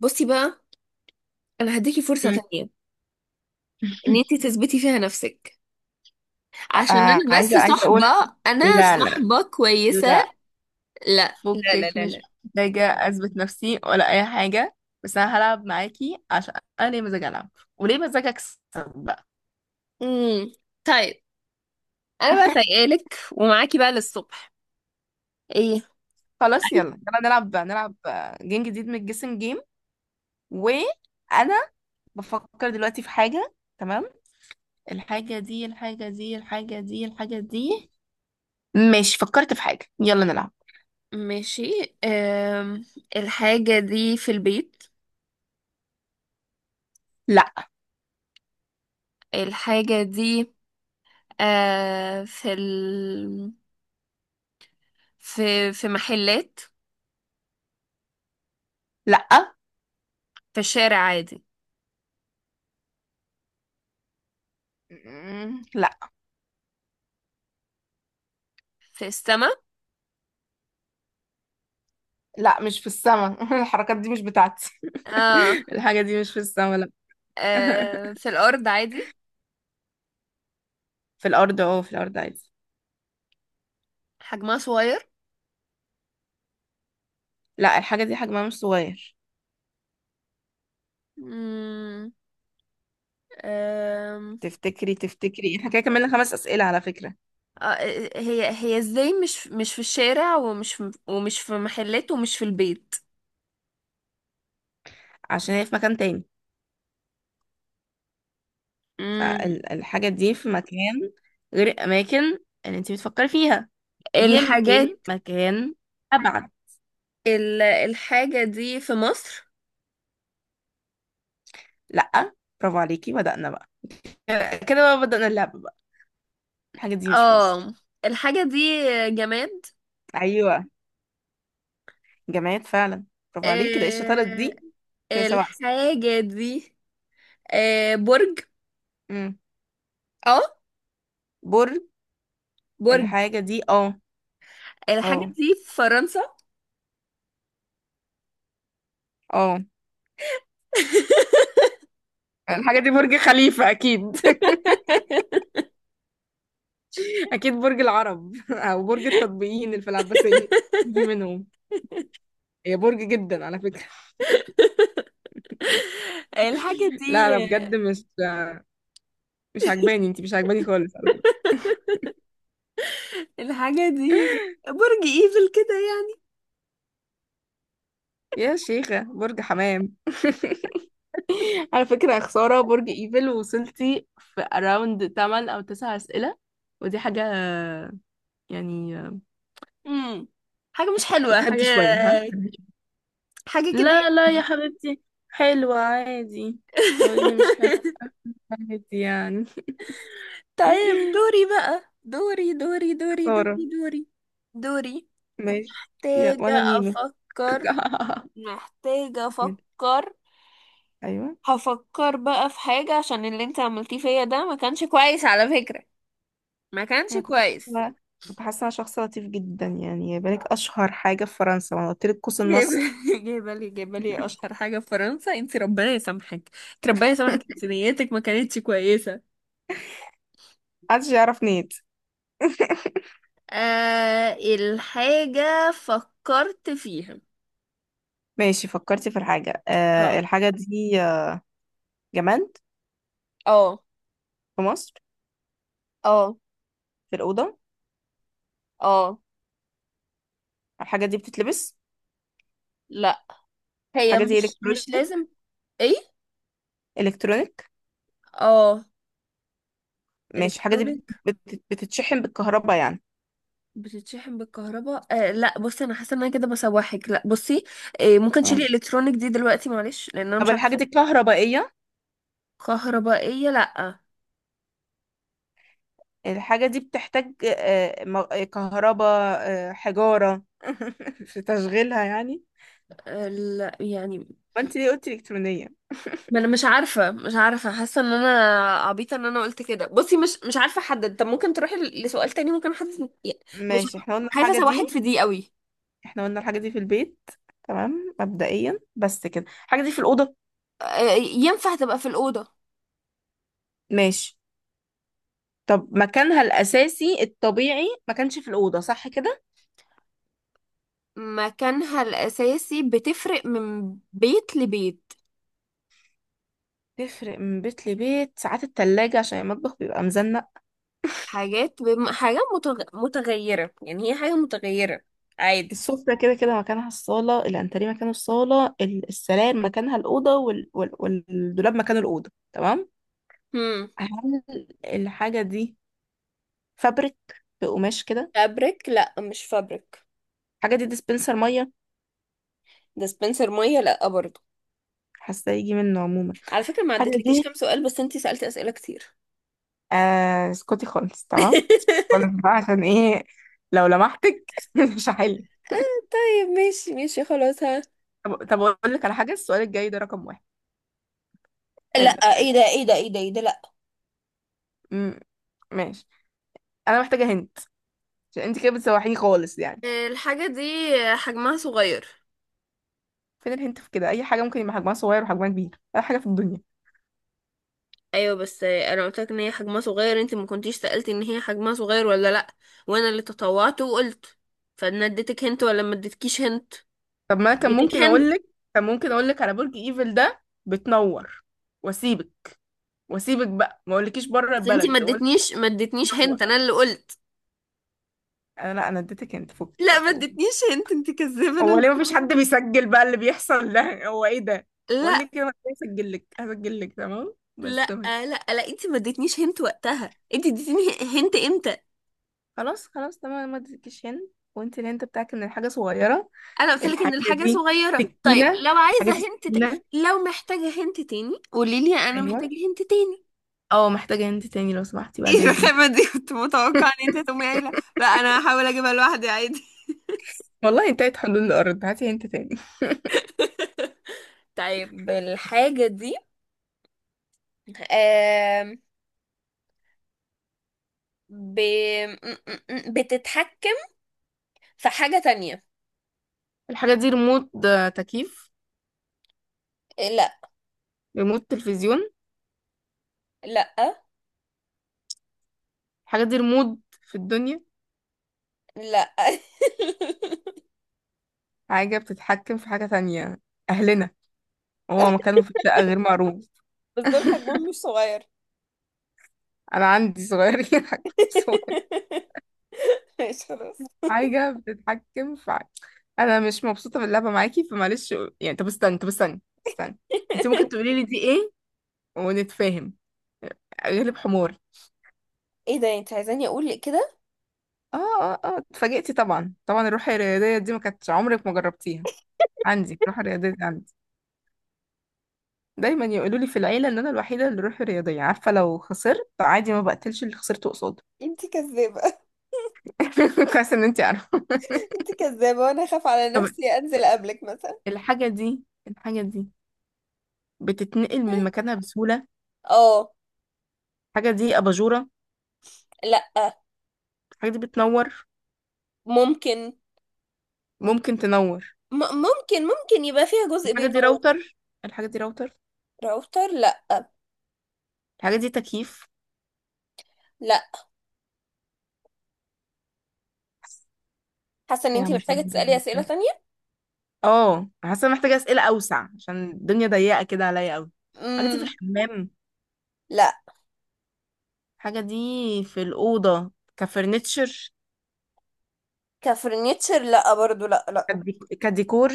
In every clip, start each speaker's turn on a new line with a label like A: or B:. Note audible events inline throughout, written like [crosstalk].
A: بصي بقى، انا هديكي فرصة
B: مم.
A: تانية ان انتي تثبتي فيها نفسك، عشان انا بس
B: عايزة أقول
A: صاحبة انا
B: لا، لا،
A: صاحبة كويسة.
B: لا.
A: لا لا لا
B: فكك،
A: لا
B: مش
A: لا.
B: محتاجة أثبت نفسي ولا أي حاجة. بس أنا هلعب معاكي عشان أنا ليه مزاج ألعب وليه مزاج أكسب بقى.
A: امم طيب، انا بقى فايقالك ومعاكي بقى للصبح. ايه؟
B: خلاص، يلا يلا نلعب نلعب، جيم جديد من الجيسنج جيم. وأنا بفكر دلوقتي في حاجة. تمام، الحاجة دي. ماشي، فكرت في حاجة، يلا نلعب.
A: ماشي. أم... الحاجة دي في البيت.
B: لا.
A: الحاجة دي أه... في ال... في محلات.
B: لا.
A: في الشارع عادي.
B: مم، لا.
A: في السما.
B: لا، مش في السما. [laughs] الحركات دي مش بتاعتي.
A: اه.
B: [laughs] الحاجة دي مش في السما، لا. [laughs]
A: آه، في الأرض عادي.
B: في الأرض عادي.
A: حجمها صغير.
B: لا، الحاجة دي حجمها مش صغير.
A: مم. أم.
B: تفتكري احنا كده كملنا خمس أسئلة على فكرة؟
A: آه، هي ازاي مش في الشارع ومش في محلات ومش في البيت؟
B: عشان هي في مكان تاني،
A: مم.
B: فالحاجة دي في مكان غير الأماكن اللي انت بتفكري فيها، يمكن
A: الحاجات.
B: مكان أبعد.
A: الحاجة دي في مصر؟
B: لا. برافو عليكي، بدأنا بقى. كده بقى بدأنا اللعبة بقى. الحاجة دي مش في مصر.
A: اه. الحاجة دي جماد.
B: أيوة، جماد فعلا. برافو عليكي، ده ايه الشطارة
A: آه،
B: دي؟ كده سبع أسئلة.
A: الحاجة دي. آه، برج.
B: مم.
A: اه
B: برج.
A: برج.
B: الحاجة دي، اه.
A: الحاجة
B: اه.
A: دي في فرنسا.
B: اه، الحاجة دي برج خليفة أكيد. [laughs] أكيد برج العرب، [laughs] أو برج التطبيقيين اللي في العباسية، يجي
A: [laughs]
B: منهم. هي برج جدا على فكرة.
A: الحاجة
B: [laughs]
A: دي
B: لا، أنا بجد مش عجباني، أنتي مش عجباني خالص على فكرة.
A: الحاجة دي برج ايفل كده يعني؟
B: يا شيخة، برج حمام. [laughs] على فكرة يا خسارة، برج ايفل وصلتي في أراوند 8 أو 9 أسئلة، ودي حاجة يعني.
A: امم حاجة مش حلوة، حاجة
B: اتهدي شوية، ها.
A: حاجة كده.
B: لا لا يا حبيبتي، حلوة عادي، وقولي مش حلوة.
A: [laughs]
B: عادي يعني.
A: طيب دوري
B: [laughs]
A: بقى، دوري دوري دوري
B: خسارة.
A: دوري. دوري دوري.
B: ماشي، يا
A: محتاجة
B: وانا نيمو.
A: أفكر.
B: [laughs]
A: محتاجة
B: كمل.
A: أفكر.
B: ايوه.
A: هفكر بقى في حاجة، عشان اللي انت عملتيه فيا ده ما كانش كويس على فكرة. ما كانش
B: انا كنت
A: كويس.
B: حاسه، انا شخص لطيف جدا يعني. يا بالك اشهر حاجه في فرنسا، ما أنا قلت لك قوس
A: جايبة!
B: النصر.
A: [laughs] جايبة لي، جايبة لي
B: [laughs]
A: أشهر حاجة في فرنسا؟ انت ربنا يسامحك، انت ربنا يسامحك، انت نيتك ما كانتش كويسة.
B: محدش يعرف نيت. [laughs]
A: آه الحاجة فكرت فيها.
B: ماشي، فكرتي في الحاجه. آه،
A: اه.
B: الحاجه دي، جماد،
A: اه.
B: في مصر،
A: اه.
B: في الاوضه.
A: اه.
B: الحاجه دي بتتلبس.
A: لا، هي
B: الحاجه دي
A: مش
B: الكترونيك.
A: لازم. ايه؟
B: الكترونيك.
A: اه.
B: ماشي، الحاجه دي
A: الكترونيك.
B: بتتشحن بالكهرباء يعني.
A: بتتشحن بالكهرباء؟ آه لا، بصي، انا حاسه ان انا كده بسوحك. لا بصي، آه ممكن
B: آه.
A: تشيلي الكترونيك دي دلوقتي، معلش، لان انا
B: طب
A: مش
B: الحاجه
A: عارفه.
B: دي كهربائيه؟
A: كهربائيه؟ لا.
B: الحاجة دي بتحتاج كهرباء، حجارة [laughs] في تشغيلها يعني.
A: آه لا يعني.
B: فانت ليه قلتي إلكترونية؟
A: ما انا مش عارفه، حاسه ان انا عبيطه ان انا قلت كده. بصي مش عارفه احدد. طب ممكن تروحي لسؤال تاني؟ ممكن حد. مش
B: ماشي، احنا قلنا
A: خايفه
B: الحاجة
A: اسوحك
B: دي
A: في دي قوي.
B: احنا قلنا الحاجة دي في البيت، تمام مبدئيا، بس كده الحاجة دي في الأوضة.
A: آه، ينفع تبقى في الاوضه.
B: ماشي. طب مكانها الأساسي الطبيعي ما كانش في الأوضة، صح كده؟
A: مكانها الاساسي بتفرق من بيت لبيت.
B: تفرق من بيت لبيت، ساعات التلاجة عشان المطبخ بيبقى مزنق.
A: حاجه متغيره يعني، هي حاجه متغيره عادي.
B: السفرة كده كده مكانها الصالة، الأنتريه مكانه الصالة، السراير مكانها الأوضة، والدولاب مكانه الأوضة، تمام.
A: هم.
B: هل الحاجة دي فابريك، بقماش كده؟
A: فابريك؟ لا مش فابريك.
B: الحاجة دي ديسبنسر مية؟
A: ديسبنسر ميه؟ لا برضه.
B: حاسة يجي منه عموما.
A: على فكره ما
B: الحاجة
A: عدتلكيش
B: دي،
A: كام سؤال، بس انتي سالتي اسئله كتير.
B: آه، اسكتي خالص. تمام،
A: [laughs]
B: خالص بقى، عشان ايه لو لمحتك [laughs] مش هحل.
A: طيب ماشي، ماشي خلاص، ها.
B: طب اقول لك على حاجة، السؤال الجاي ده رقم واحد.
A: لا.
B: ال... ال...
A: ايه ده؟ ايه ده؟ ايه ده؟ ايه ده؟ لا.
B: م... ماشي. انا محتاجة هنت، عشان انت كده بتسوحيني خالص يعني.
A: الحاجة دي حجمها صغير.
B: فين الهنت في كده؟ اي حاجة ممكن يبقى حجمها صغير وحجمها كبير، اي حاجة في الدنيا.
A: ايوه، بس انا قلت لك ان هي حجمها صغير، انت ما كنتيش سألتي ان هي حجمها صغير ولا لا. وانا اللي تطوعت وقلت. فانا اديتك هنت ولا ما اديتكيش هنت؟
B: طب ما انا كان
A: اديتك
B: ممكن اقول
A: هنت.
B: لك كان ممكن اقول لك على برج ايفل ده بتنور، واسيبك واسيبك بقى ما اقولكيش بره
A: بس انت ما
B: البلد وانت
A: اديتنيش، هنت.
B: منور.
A: انا اللي قلت.
B: انا لا انا اديتك انت فوق،
A: لا، ما
B: فوق.
A: اديتنيش هنت، انت كذابه، انا
B: هو
A: اللي.
B: ليه مفيش حد بيسجل بقى اللي بيحصل ده؟ هو ايه ده؟ بقول
A: لا
B: لك انا هسجل لك تمام، بس
A: لا
B: تمام.
A: لا لا. انت ما اديتنيش هنت وقتها، انت اديتيني هنت امتى؟
B: خلاص خلاص تمام، ما اديتكيش هنا، وانت الهنت بتاعك ان الحاجه صغيره.
A: انا قلت لك ان
B: الحاجه
A: الحاجه
B: دي
A: صغيره. طيب
B: سكينه.
A: لو
B: حاجه
A: عايزه
B: دي
A: هنت
B: سكينه.
A: لو محتاجه هنت تاني، قولي لي انا
B: ايوه.
A: محتاجه هنت تاني.
B: اه، محتاجه هنت تاني لو سمحتي،
A: [laughs]
B: بعد
A: ايه
B: اذنك.
A: الرخامه دي؟ كنت متوقعه ان
B: [laughs]
A: انت تقومي قايله لا، انا هحاول اجيبها لوحدي عادي. [laughs]
B: والله انتهت حلول الارض، هاتي هنت تاني.
A: طيب الحاجة دي، آم، ب... م- م- م- بتتحكم في حاجة تانية.
B: الحاجه دي ريموت، تكييف؟
A: إيه، لا.
B: ريموت تلفزيون؟
A: لا.
B: الحاجه دي ريموت في الدنيا.
A: لا. [laughs]
B: حاجة بتتحكم في حاجة تانية. أهلنا؟ هو مكانهم في الشقة غير معروف.
A: بس دول
B: [laughs]
A: حجمهم مش صغير.
B: أنا عندي صغيرين. [laughs] حاجة صغير.
A: [laughs] ماشي خلاص.
B: حاجة بتتحكم في حاجة. أنا مش مبسوطة باللعبة معاكي فمعلش يعني. طب استنى، استنى. أنت ممكن تقولي لي دي إيه، ونتفاهم. غلب حمار.
A: ايه ده؟ انت عايزاني اقول كده؟
B: اه اه اه، اتفاجئتي طبعا طبعا. الروح الرياضية دي ما كانتش عمرك ما جربتيها. عندي الروح الرياضية دي، عندي. دايما يقولوا لي في العيلة ان انا الوحيدة اللي روحي رياضية، عارفة لو خسرت عادي ما بقتلش اللي خسرته قصادي.
A: انت كذابة،
B: [laughs] كويس ان انت عارفه.
A: انت كذابة، وانا اخاف على
B: طب
A: نفسي انزل قبلك مثلا.
B: الحاجه دي الحاجه دي بتتنقل من مكانها بسهوله؟
A: اه.
B: الحاجه دي اباجوره؟
A: لا.
B: الحاجه دي بتنور،
A: ممكن.
B: ممكن تنور.
A: م ممكن ممكن يبقى فيها جزء
B: الحاجه دي
A: بينور.
B: راوتر. الحاجه دي راوتر
A: راوتر؟ لا.
B: الحاجه دي تكييف؟
A: لا. حاسة ان
B: يا
A: انت
B: مطلع.
A: محتاجة تسألي اسئلة تانية.
B: اه، حاسه محتاجه اسئله اوسع عشان الدنيا ضيقه كده عليا قوي. الحاجه دي في
A: امم
B: الحمام؟
A: لا.
B: الحاجه دي في الاوضه، كفرنتشر؟
A: كفرنيتشر؟ لا برضو. لا. لا.
B: كديكور؟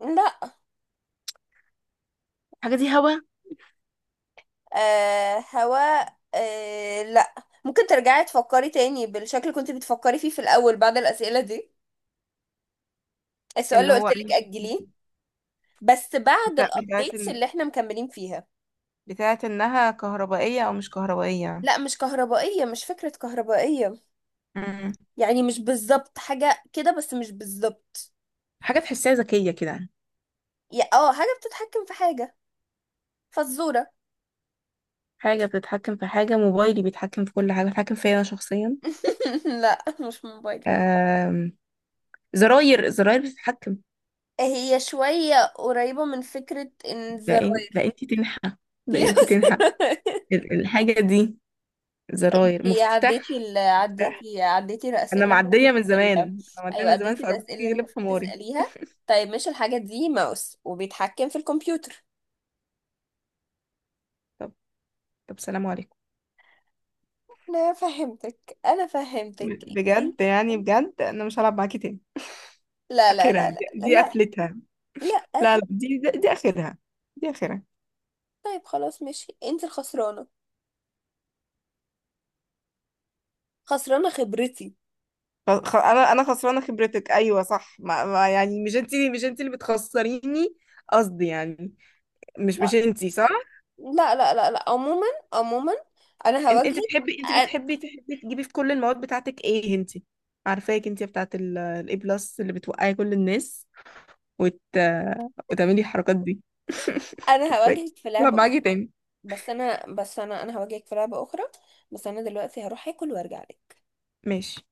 A: لا.
B: الحاجه دي هوا؟
A: آه، هواء؟ آه لا. ممكن ترجعي تفكري تاني بالشكل اللي كنت بتفكري فيه في الاول بعد الاسئلة دي. السؤال
B: اللي
A: اللي
B: هو
A: قلت
B: اي
A: لك
B: شيء.
A: اجليه. بس بعد
B: بتاعت
A: الابديتس اللي احنا مكملين فيها.
B: بتاعت انها كهربائية او مش كهربائية.
A: لا مش كهربائية، مش فكرة كهربائية.
B: امم
A: يعني مش بالظبط حاجة كده، بس مش بالظبط.
B: حاجة تحسها ذكية كده.
A: يا اه حاجة بتتحكم في حاجة. فزورة.
B: حاجة بتتحكم في حاجة، موبايلي بيتحكم في كل حاجة، بيتحكم فيا انا شخصيا.
A: [laughs] لا مش موبايل.
B: آم، زراير، زراير بتتحكم.
A: هي شوية قريبة من فكرة ان
B: ده
A: الزراير.
B: انتي تنحى.
A: [laughs]
B: ده
A: فيها
B: انتي تنحى
A: زراير.
B: الحاجة دي زراير
A: انتي عديتي
B: مفتاح. مفتاح.
A: عديتي
B: انا
A: الأسئلة اللي المفروض
B: معدية من
A: تسأليها.
B: زمان، انا معدية
A: أيوة
B: من زمان
A: عديتي
B: في،
A: الأسئلة اللي
B: ارجوكي غلب
A: المفروض
B: حماري.
A: تسأليها. طيب مش الحاجة دي ماوس وبيتحكم في الكمبيوتر؟
B: طب طب، سلام عليكم.
A: أنا فهمتك، أنا فهمتك.
B: بجد
A: إنت-
B: يعني بجد، انا مش هلعب معاكي تاني.
A: لا لا لا.
B: اخرها دي,
A: لا لا.
B: دي
A: لا.
B: قفلتها.
A: لا
B: لا لا، دي دي دي اخرها. دي اخرها.
A: طيب خلاص ماشي، انت الخسرانة. خسرانة خبرتي.
B: انا خسرانه خبرتك. ايوه صح، ما ما يعني مش انت، مش انت اللي بتخسريني. قصدي يعني، مش
A: لا
B: مش انت، صح؟
A: لا لا لا لا. عموما، عموما، انا
B: انت انت
A: هواجهك.
B: تحبي انت
A: أ-
B: بتحبي تحبي تجيبي في كل المواد بتاعتك. ايه انت؟ عارفاك انت بتاعت الاي بلس اللي بتوقعي كل الناس، وت... وتعملي الحركات دي.
A: انا
B: مش فاكر.
A: هواجهك في
B: طب
A: لعبة.
B: معاكي تاني؟
A: بس انا بس انا انا هواجهك في لعبة اخرى. بس انا دلوقتي هروح اكل وارجع لك.
B: ماشي.